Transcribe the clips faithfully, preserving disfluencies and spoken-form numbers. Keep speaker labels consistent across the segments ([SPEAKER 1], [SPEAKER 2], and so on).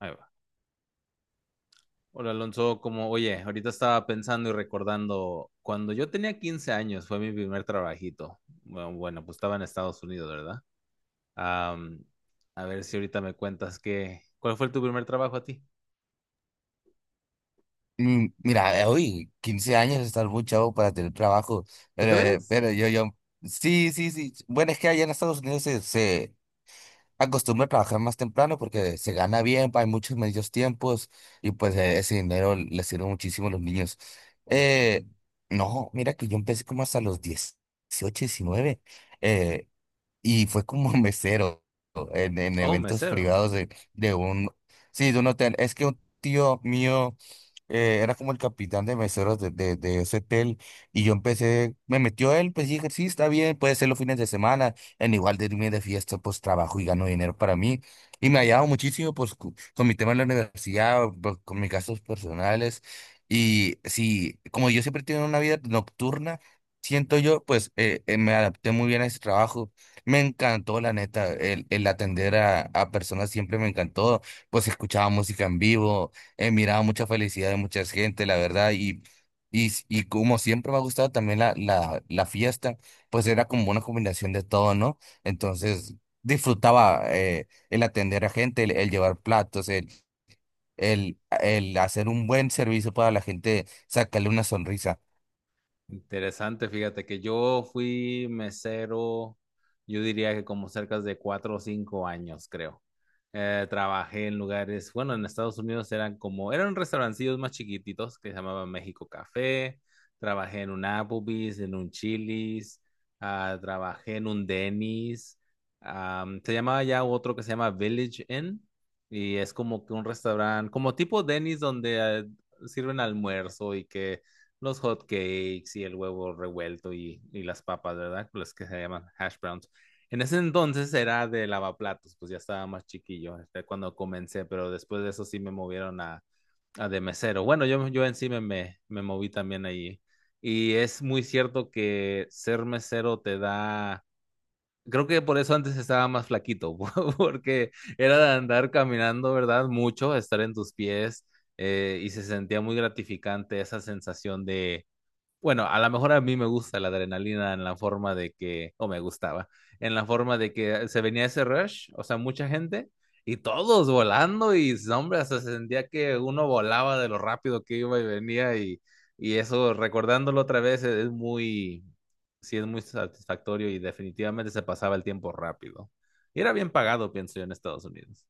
[SPEAKER 1] Ahí va. Hola Alonso, como oye, ahorita estaba pensando y recordando, cuando yo tenía quince años fue mi primer trabajito. Bueno, bueno, pues estaba en Estados Unidos, ¿verdad? Am, a ver si ahorita me cuentas que, ¿cuál fue tu primer trabajo a ti?
[SPEAKER 2] Mm, Mira, eh, uy, quince años estar muy chavo para tener trabajo,
[SPEAKER 1] ¿Tú
[SPEAKER 2] pero, eh,
[SPEAKER 1] crees?
[SPEAKER 2] pero yo, yo, sí, sí, sí. Bueno, es que allá en Estados Unidos se, se acostumbra a trabajar más temprano porque se gana bien, hay muchos medios tiempos y pues eh, ese dinero le sirve muchísimo a los niños.
[SPEAKER 1] Así.
[SPEAKER 2] Eh, no, mira que yo empecé como hasta los dieciocho diecinueve eh, y fue como mesero en, en
[SPEAKER 1] Oh,
[SPEAKER 2] eventos
[SPEAKER 1] mesero.
[SPEAKER 2] privados de, de un, sí, de un hotel. Es que un tío mío eh, era como el capitán de meseros de, de, de ese hotel y yo empecé, me metió él, pues dije, sí, está bien, puede ser los fines de semana, en igual de irme de fiesta, pues trabajo y gano dinero para mí. Y me ha ayudado muchísimo, pues, cu- con mi tema en la universidad, pues, con mis gastos personales. Y sí, como yo siempre he tenido una vida nocturna, siento yo, pues, eh, eh, me adapté muy bien a ese trabajo. Me encantó, la neta, el, el atender a, a personas siempre me encantó. Pues escuchaba música en vivo. He mirado mucha felicidad de mucha gente, la verdad, y, y, y como siempre me ha gustado también la, la, la fiesta, pues era como una combinación de todo, ¿no? Entonces disfrutaba eh, el atender a gente, el, el llevar platos, el, el, el hacer un buen servicio para la gente, sacarle una sonrisa.
[SPEAKER 1] Interesante, fíjate que yo fui mesero, yo diría que como cerca de cuatro o cinco años, creo. Eh, trabajé en lugares, bueno, en Estados Unidos eran como, eran restaurancillos más chiquititos que se llamaban México Café, trabajé en un Applebee's, en un Chili's, ah, trabajé en un Denny's, am, se llamaba ya otro que se llama Village Inn y es como que un restaurante, como tipo Denny's donde eh, sirven almuerzo y que los hot cakes y el huevo revuelto y, y las papas, ¿verdad? Las que se llaman hash browns. En ese entonces era de lavaplatos, pues ya estaba más chiquillo este, cuando comencé, pero después de eso sí me movieron a, a de mesero. Bueno, yo, yo en sí me, me, me moví también allí. Y es muy cierto que ser mesero te da... Creo que por eso antes estaba más flaquito, porque era de andar caminando, ¿verdad? Mucho, estar en tus pies, eh, y se sentía muy gratificante esa sensación de, bueno, a lo mejor a mí me gusta la adrenalina en la forma de que, o me gustaba, en la forma de que se venía ese rush, o sea, mucha gente y todos volando y, hombre, hasta se sentía que uno volaba de lo rápido que iba y venía y, y eso, recordándolo otra vez, es es muy, sí, es muy satisfactorio y definitivamente se pasaba el tiempo rápido. Y era bien pagado, pienso yo, en Estados Unidos.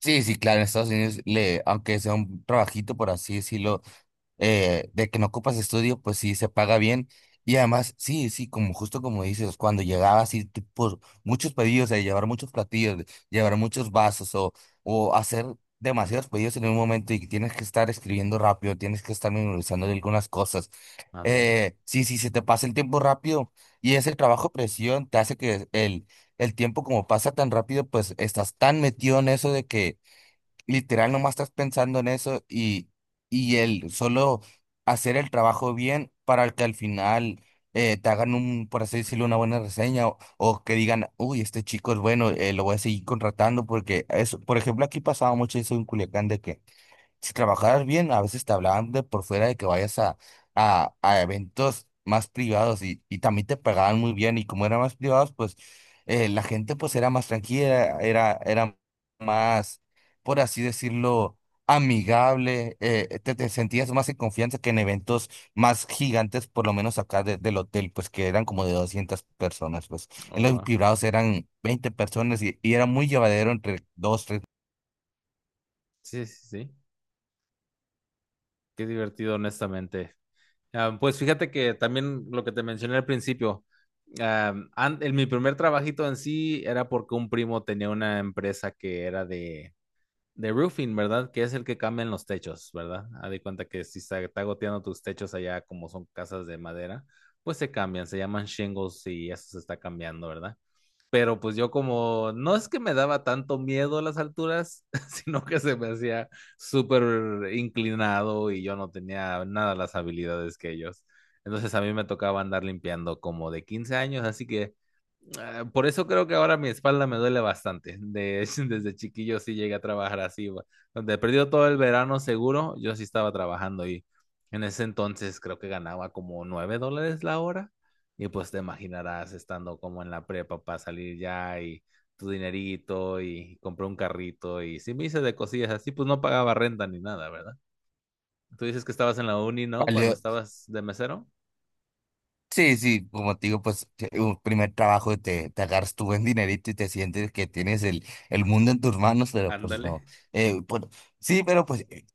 [SPEAKER 2] Sí, sí, claro, en Estados Unidos, le, aunque sea un trabajito, por así decirlo, eh, de que no ocupas estudio, pues sí, se paga bien. Y además, sí, sí, como justo como dices, cuando llegabas y por muchos pedidos, eh, llevar muchos platillos, llevar muchos vasos o, o hacer demasiados pedidos en un momento y que tienes que estar escribiendo rápido, tienes que estar memorizando de algunas cosas.
[SPEAKER 1] Ándale.
[SPEAKER 2] Eh, sí, sí, se te pasa el tiempo rápido y ese trabajo presión te hace que el, el tiempo como pasa tan rápido, pues estás tan metido en eso de que literal nomás estás pensando en eso y, y el solo hacer el trabajo bien para que al final eh, te hagan un, por así decirlo, una buena reseña o, o que digan, uy, este chico es bueno, eh, lo voy a seguir contratando porque eso, por ejemplo, aquí pasaba mucho eso en Culiacán de que si trabajaras bien, a veces te hablaban de por fuera de que vayas a, a, a eventos más privados y, y también te pagaban muy bien y como eran más privados, pues eh, la gente pues era más tranquila, era, era más, por así decirlo, amigable, eh, te, te sentías más en confianza que en eventos más gigantes, por lo menos acá de- del hotel, pues que eran como de doscientas personas, pues en
[SPEAKER 1] Oh,
[SPEAKER 2] los
[SPEAKER 1] wow.
[SPEAKER 2] privados eran veinte personas y, y era muy llevadero entre dos,
[SPEAKER 1] Sí, sí, sí. Qué divertido, honestamente. Ah, pues fíjate que también lo que te mencioné al principio, am, an- el- mi primer trabajito en sí era porque un primo tenía una empresa que era de, de roofing, ¿verdad? Que es el que cambian los techos, ¿verdad? Haz de cuenta que si está, está goteando tus techos allá, como son casas de madera, pues se cambian, se llaman shingles y eso se está cambiando, ¿verdad? Pero pues yo como no es que me daba tanto miedo las alturas, sino que se me hacía súper inclinado y yo no tenía nada las habilidades que ellos. Entonces a mí me tocaba andar limpiando como de quince años, así que, ah, por eso creo que ahora mi espalda me duele bastante. De, desde chiquillo sí llegué a trabajar así. Va. Donde perdió todo el verano seguro, yo sí estaba trabajando y en ese entonces creo que ganaba como nueve dólares la hora. Y pues te imaginarás estando como en la prepa para salir ya y tu dinerito y compré un carrito y sí me hice de cosillas así, pues no pagaba renta ni nada, ¿verdad? Tú dices que estabas en la uni, ¿no? Cuando
[SPEAKER 2] tres.
[SPEAKER 1] estabas de mesero.
[SPEAKER 2] Sí, sí, como te digo, pues te- un primer trabajo te, te agarras tu buen dinerito y te sientes que tienes el, el mundo en tus manos, pero pues
[SPEAKER 1] Ándale.
[SPEAKER 2] no. Eh, pues, sí, pero pues eh,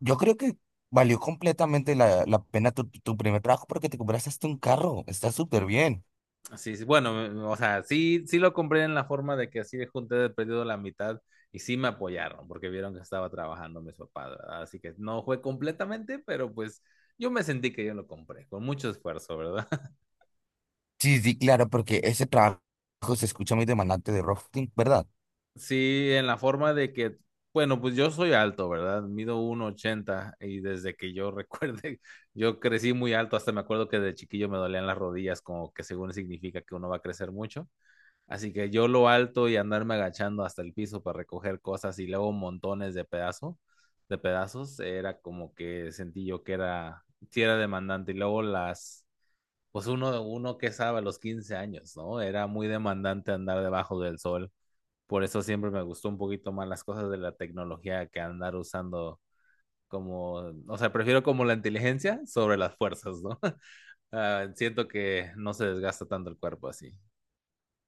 [SPEAKER 2] yo creo que valió completamente la, la pena tu, tu primer trabajo porque te compraste hasta un carro, está súper bien.
[SPEAKER 1] Sí, sí, bueno, o sea, sí, sí lo compré en la forma de que así junté de perdido la mitad y sí me apoyaron porque vieron que estaba trabajando mis papás, ¿verdad? Así que no fue completamente, pero pues yo me sentí que yo lo compré con mucho esfuerzo, ¿verdad?
[SPEAKER 2] Sí, sí, claro, porque ese trabajo se escucha muy demandante de rafting, ¿verdad?
[SPEAKER 1] Sí, en la forma de que, bueno, pues yo soy alto, ¿verdad? Mido uno ochenta y desde que yo recuerde, yo crecí muy alto, hasta me acuerdo que de chiquillo me dolían las rodillas, como que según significa que uno va a crecer mucho. Así que yo lo alto y andarme agachando hasta el piso para recoger cosas y luego montones de pedazos, de pedazos, era como que sentí yo que era, sí era demandante. Y luego las, pues uno, uno que sabe, a los quince años, ¿no? Era muy demandante andar debajo del sol. Por eso siempre me gustó un poquito más las cosas de la tecnología que andar usando como, o sea, prefiero como la inteligencia sobre las fuerzas, ¿no? Ah, siento que no se desgasta tanto el cuerpo así.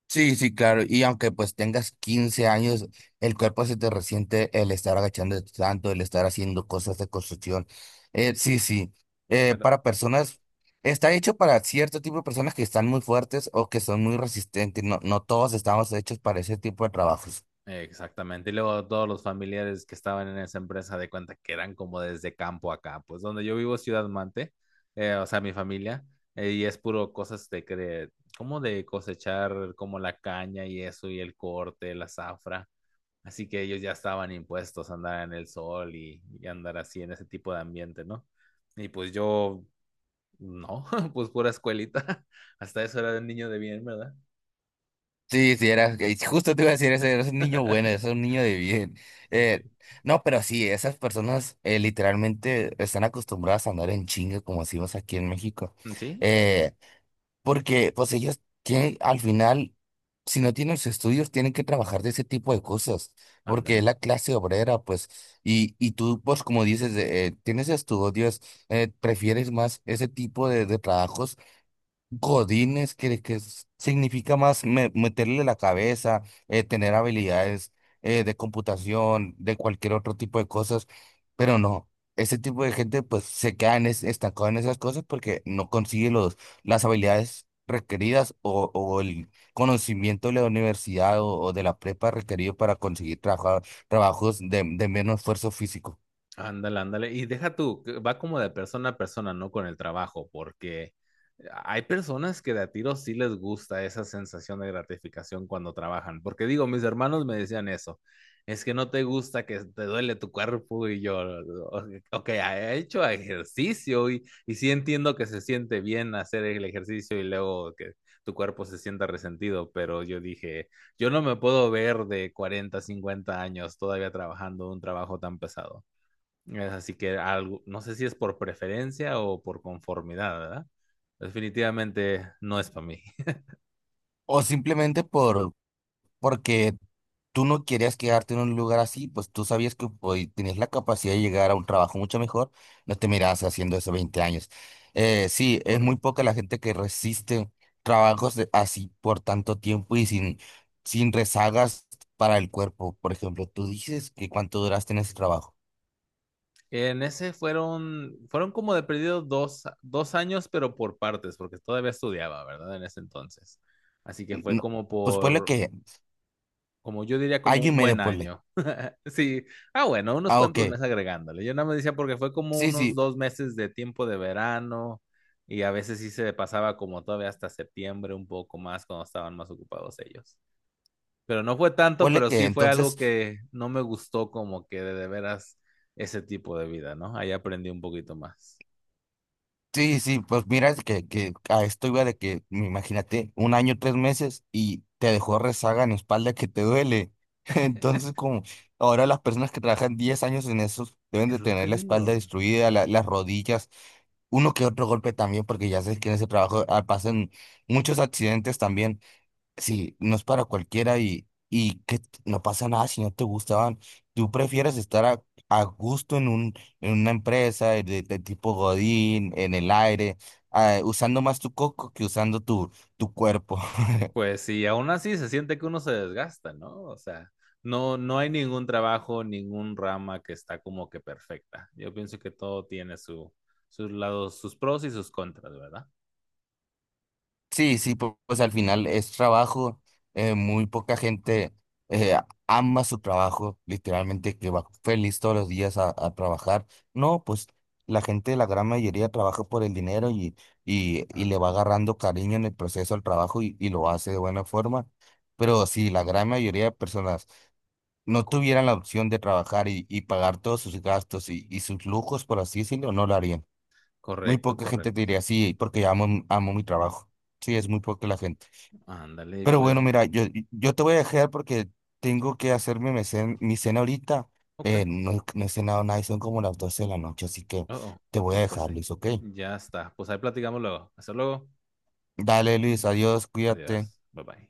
[SPEAKER 2] Sí, sí, claro. Y aunque pues tengas quince años, el cuerpo se te resiente el estar agachando tanto, el estar haciendo cosas de construcción. Eh, sí, sí. Eh,
[SPEAKER 1] Pero
[SPEAKER 2] para personas, Está hecho para cierto tipo de personas que están muy fuertes o que son muy resistentes. No, no todos estamos hechos para ese tipo de trabajos.
[SPEAKER 1] Exactamente. Y luego todos los familiares que estaban en esa empresa de cuenta que eran como desde campo acá pues donde yo vivo, Ciudad Mante, eh, o sea, mi familia, eh, y es puro cosas de, que de- como de cosechar como la caña y eso, y el corte, la zafra. Así que ellos ya estaban impuestos a andar en el sol y, y andar así en ese tipo de ambiente, ¿no? Y pues yo, no, pues pura escuelita. Hasta eso era de niño de bien, ¿verdad?
[SPEAKER 2] Sí, sí, era, eh, justo te iba a decir, ese eres un niño bueno, eres un niño de bien.
[SPEAKER 1] Sí,
[SPEAKER 2] Eh, no, pero sí, esas personas eh, literalmente están acostumbradas a andar en chinga, como decimos aquí en México.
[SPEAKER 1] sí,
[SPEAKER 2] Eh, Porque pues ellos tienen, al final, si no tienen sus estudios, tienen que trabajar de ese tipo de cosas, porque es
[SPEAKER 1] ándale.
[SPEAKER 2] la clase obrera, pues, y, y tú, pues, como dices, eh, tienes estudios, eh, prefieres más ese tipo de, de trabajos Godines, que, que es- significa más me- meterle la cabeza, eh, tener habilidades eh, de computación, de cualquier otro tipo de cosas, pero no, ese tipo de gente pues se queda en es- estancado en esas cosas porque no consigue los, las habilidades requeridas o, o el conocimiento de la universidad o, o de la prepa requerido para conseguir trabajar, trabajos de, de menos esfuerzo físico.
[SPEAKER 1] Ándale, ándale. Y deja tú, que va como de persona a persona, no con el trabajo, porque hay personas que de a tiro sí les gusta esa sensación de gratificación cuando trabajan. Porque digo, mis hermanos me decían eso, es que no te gusta que te duele tu cuerpo y yo, o- ok, he hecho ejercicio y, y sí entiendo que se siente bien hacer el ejercicio y luego que tu cuerpo se sienta resentido, pero yo dije, yo no me puedo ver de cuarenta cincuenta años todavía trabajando un trabajo tan pesado. Es así que algo, no sé si es por preferencia o por conformidad, ¿verdad? Definitivamente no es para mí.
[SPEAKER 2] O simplemente por, porque tú no querías quedarte en un lugar así, pues tú sabías que hoy tenías la capacidad de llegar a un trabajo mucho mejor, no te mirabas haciendo eso veinte años. Eh, sí, es muy
[SPEAKER 1] Correcto.
[SPEAKER 2] poca la gente que resiste trabajos de- así por tanto tiempo y sin, sin rezagas para el cuerpo. Por ejemplo, tú dices que cuánto duraste en ese trabajo.
[SPEAKER 1] En ese fueron, fueron como de perdido dos, dos años, pero por partes, porque todavía estudiaba, ¿verdad? En ese entonces. Así que fue
[SPEAKER 2] No,
[SPEAKER 1] como
[SPEAKER 2] pues ponle
[SPEAKER 1] por,
[SPEAKER 2] que
[SPEAKER 1] como yo diría, como
[SPEAKER 2] año y
[SPEAKER 1] un buen
[SPEAKER 2] medio, ponle.
[SPEAKER 1] año. Sí, ah, bueno, unos
[SPEAKER 2] Ah, ok.
[SPEAKER 1] cuantos meses agregándole. Yo nada me decía porque fue como
[SPEAKER 2] Sí,
[SPEAKER 1] unos
[SPEAKER 2] sí,
[SPEAKER 1] dos meses de tiempo de verano y a veces sí se pasaba como todavía hasta septiembre un poco más cuando estaban más ocupados ellos. Pero no fue tanto,
[SPEAKER 2] ponle
[SPEAKER 1] pero
[SPEAKER 2] que
[SPEAKER 1] sí fue algo
[SPEAKER 2] entonces
[SPEAKER 1] que no me gustó como que de, de veras ese tipo de vida, ¿no? Ahí aprendí un poquito más.
[SPEAKER 2] sí, sí, pues mira, es que, que a esto iba de que, mm, imagínate, un año, tres meses y te dejó rezaga en espalda que te duele. Entonces, como ahora las personas que trabajan diez años en eso deben
[SPEAKER 1] Es
[SPEAKER 2] de
[SPEAKER 1] lo que
[SPEAKER 2] tener la espalda
[SPEAKER 1] digo.
[SPEAKER 2] destruida, la- las rodillas, uno que otro golpe también, porque ya sabes que en ese trabajo ah, pasan muchos accidentes también. Sí, no es para cualquiera y, y que t- no pasa nada si no te gustaban. Tú prefieres estar a, a gusto en un, en una empresa de, de tipo Godín, en el aire, ah, usando más tu coco que usando tu, tu cuerpo.
[SPEAKER 1] Pues sí, aún así se siente que uno se desgasta, ¿no? O sea, no, no hay ningún trabajo, ningún rama que está como que perfecta. Yo pienso que todo tiene su, sus lados, sus pros y sus contras, ¿verdad?
[SPEAKER 2] Sí, sí, pu- pues, al final es trabajo, eh, muy poca gente eh, ama su trabajo, literalmente que va feliz todos los días a, a trabajar. No, pues la gente, la gran mayoría trabaja por el dinero y, y, y le va
[SPEAKER 1] Ándale.
[SPEAKER 2] agarrando cariño en el proceso al trabajo y, y lo hace de buena forma. Pero si la gran mayoría de personas no
[SPEAKER 1] Co-
[SPEAKER 2] tuvieran la opción de trabajar y, y pagar todos sus gastos y, y sus lujos, por así decirlo, no lo harían. Muy
[SPEAKER 1] Correcto,
[SPEAKER 2] poca gente te
[SPEAKER 1] correcto.
[SPEAKER 2] diría, sí, porque amo, amo mi trabajo. Sí, es muy poca la gente.
[SPEAKER 1] Ándale,
[SPEAKER 2] Pero bueno,
[SPEAKER 1] pues,
[SPEAKER 2] mira, yo, yo te voy a dejar porque tengo que hacerme mi cen- mi cena, ahorita.
[SPEAKER 1] ok.
[SPEAKER 2] Eh, no, no he cenado nada y son como las doce de la noche, así que
[SPEAKER 1] Oh, oh.
[SPEAKER 2] te voy a
[SPEAKER 1] No, pues
[SPEAKER 2] dejar,
[SPEAKER 1] sí.
[SPEAKER 2] Luis, ¿ok?
[SPEAKER 1] Ya está. Pues ahí platicamos luego. Hasta luego.
[SPEAKER 2] Dale, Luis, adiós,
[SPEAKER 1] Adiós.
[SPEAKER 2] cuídate.
[SPEAKER 1] Bye bye.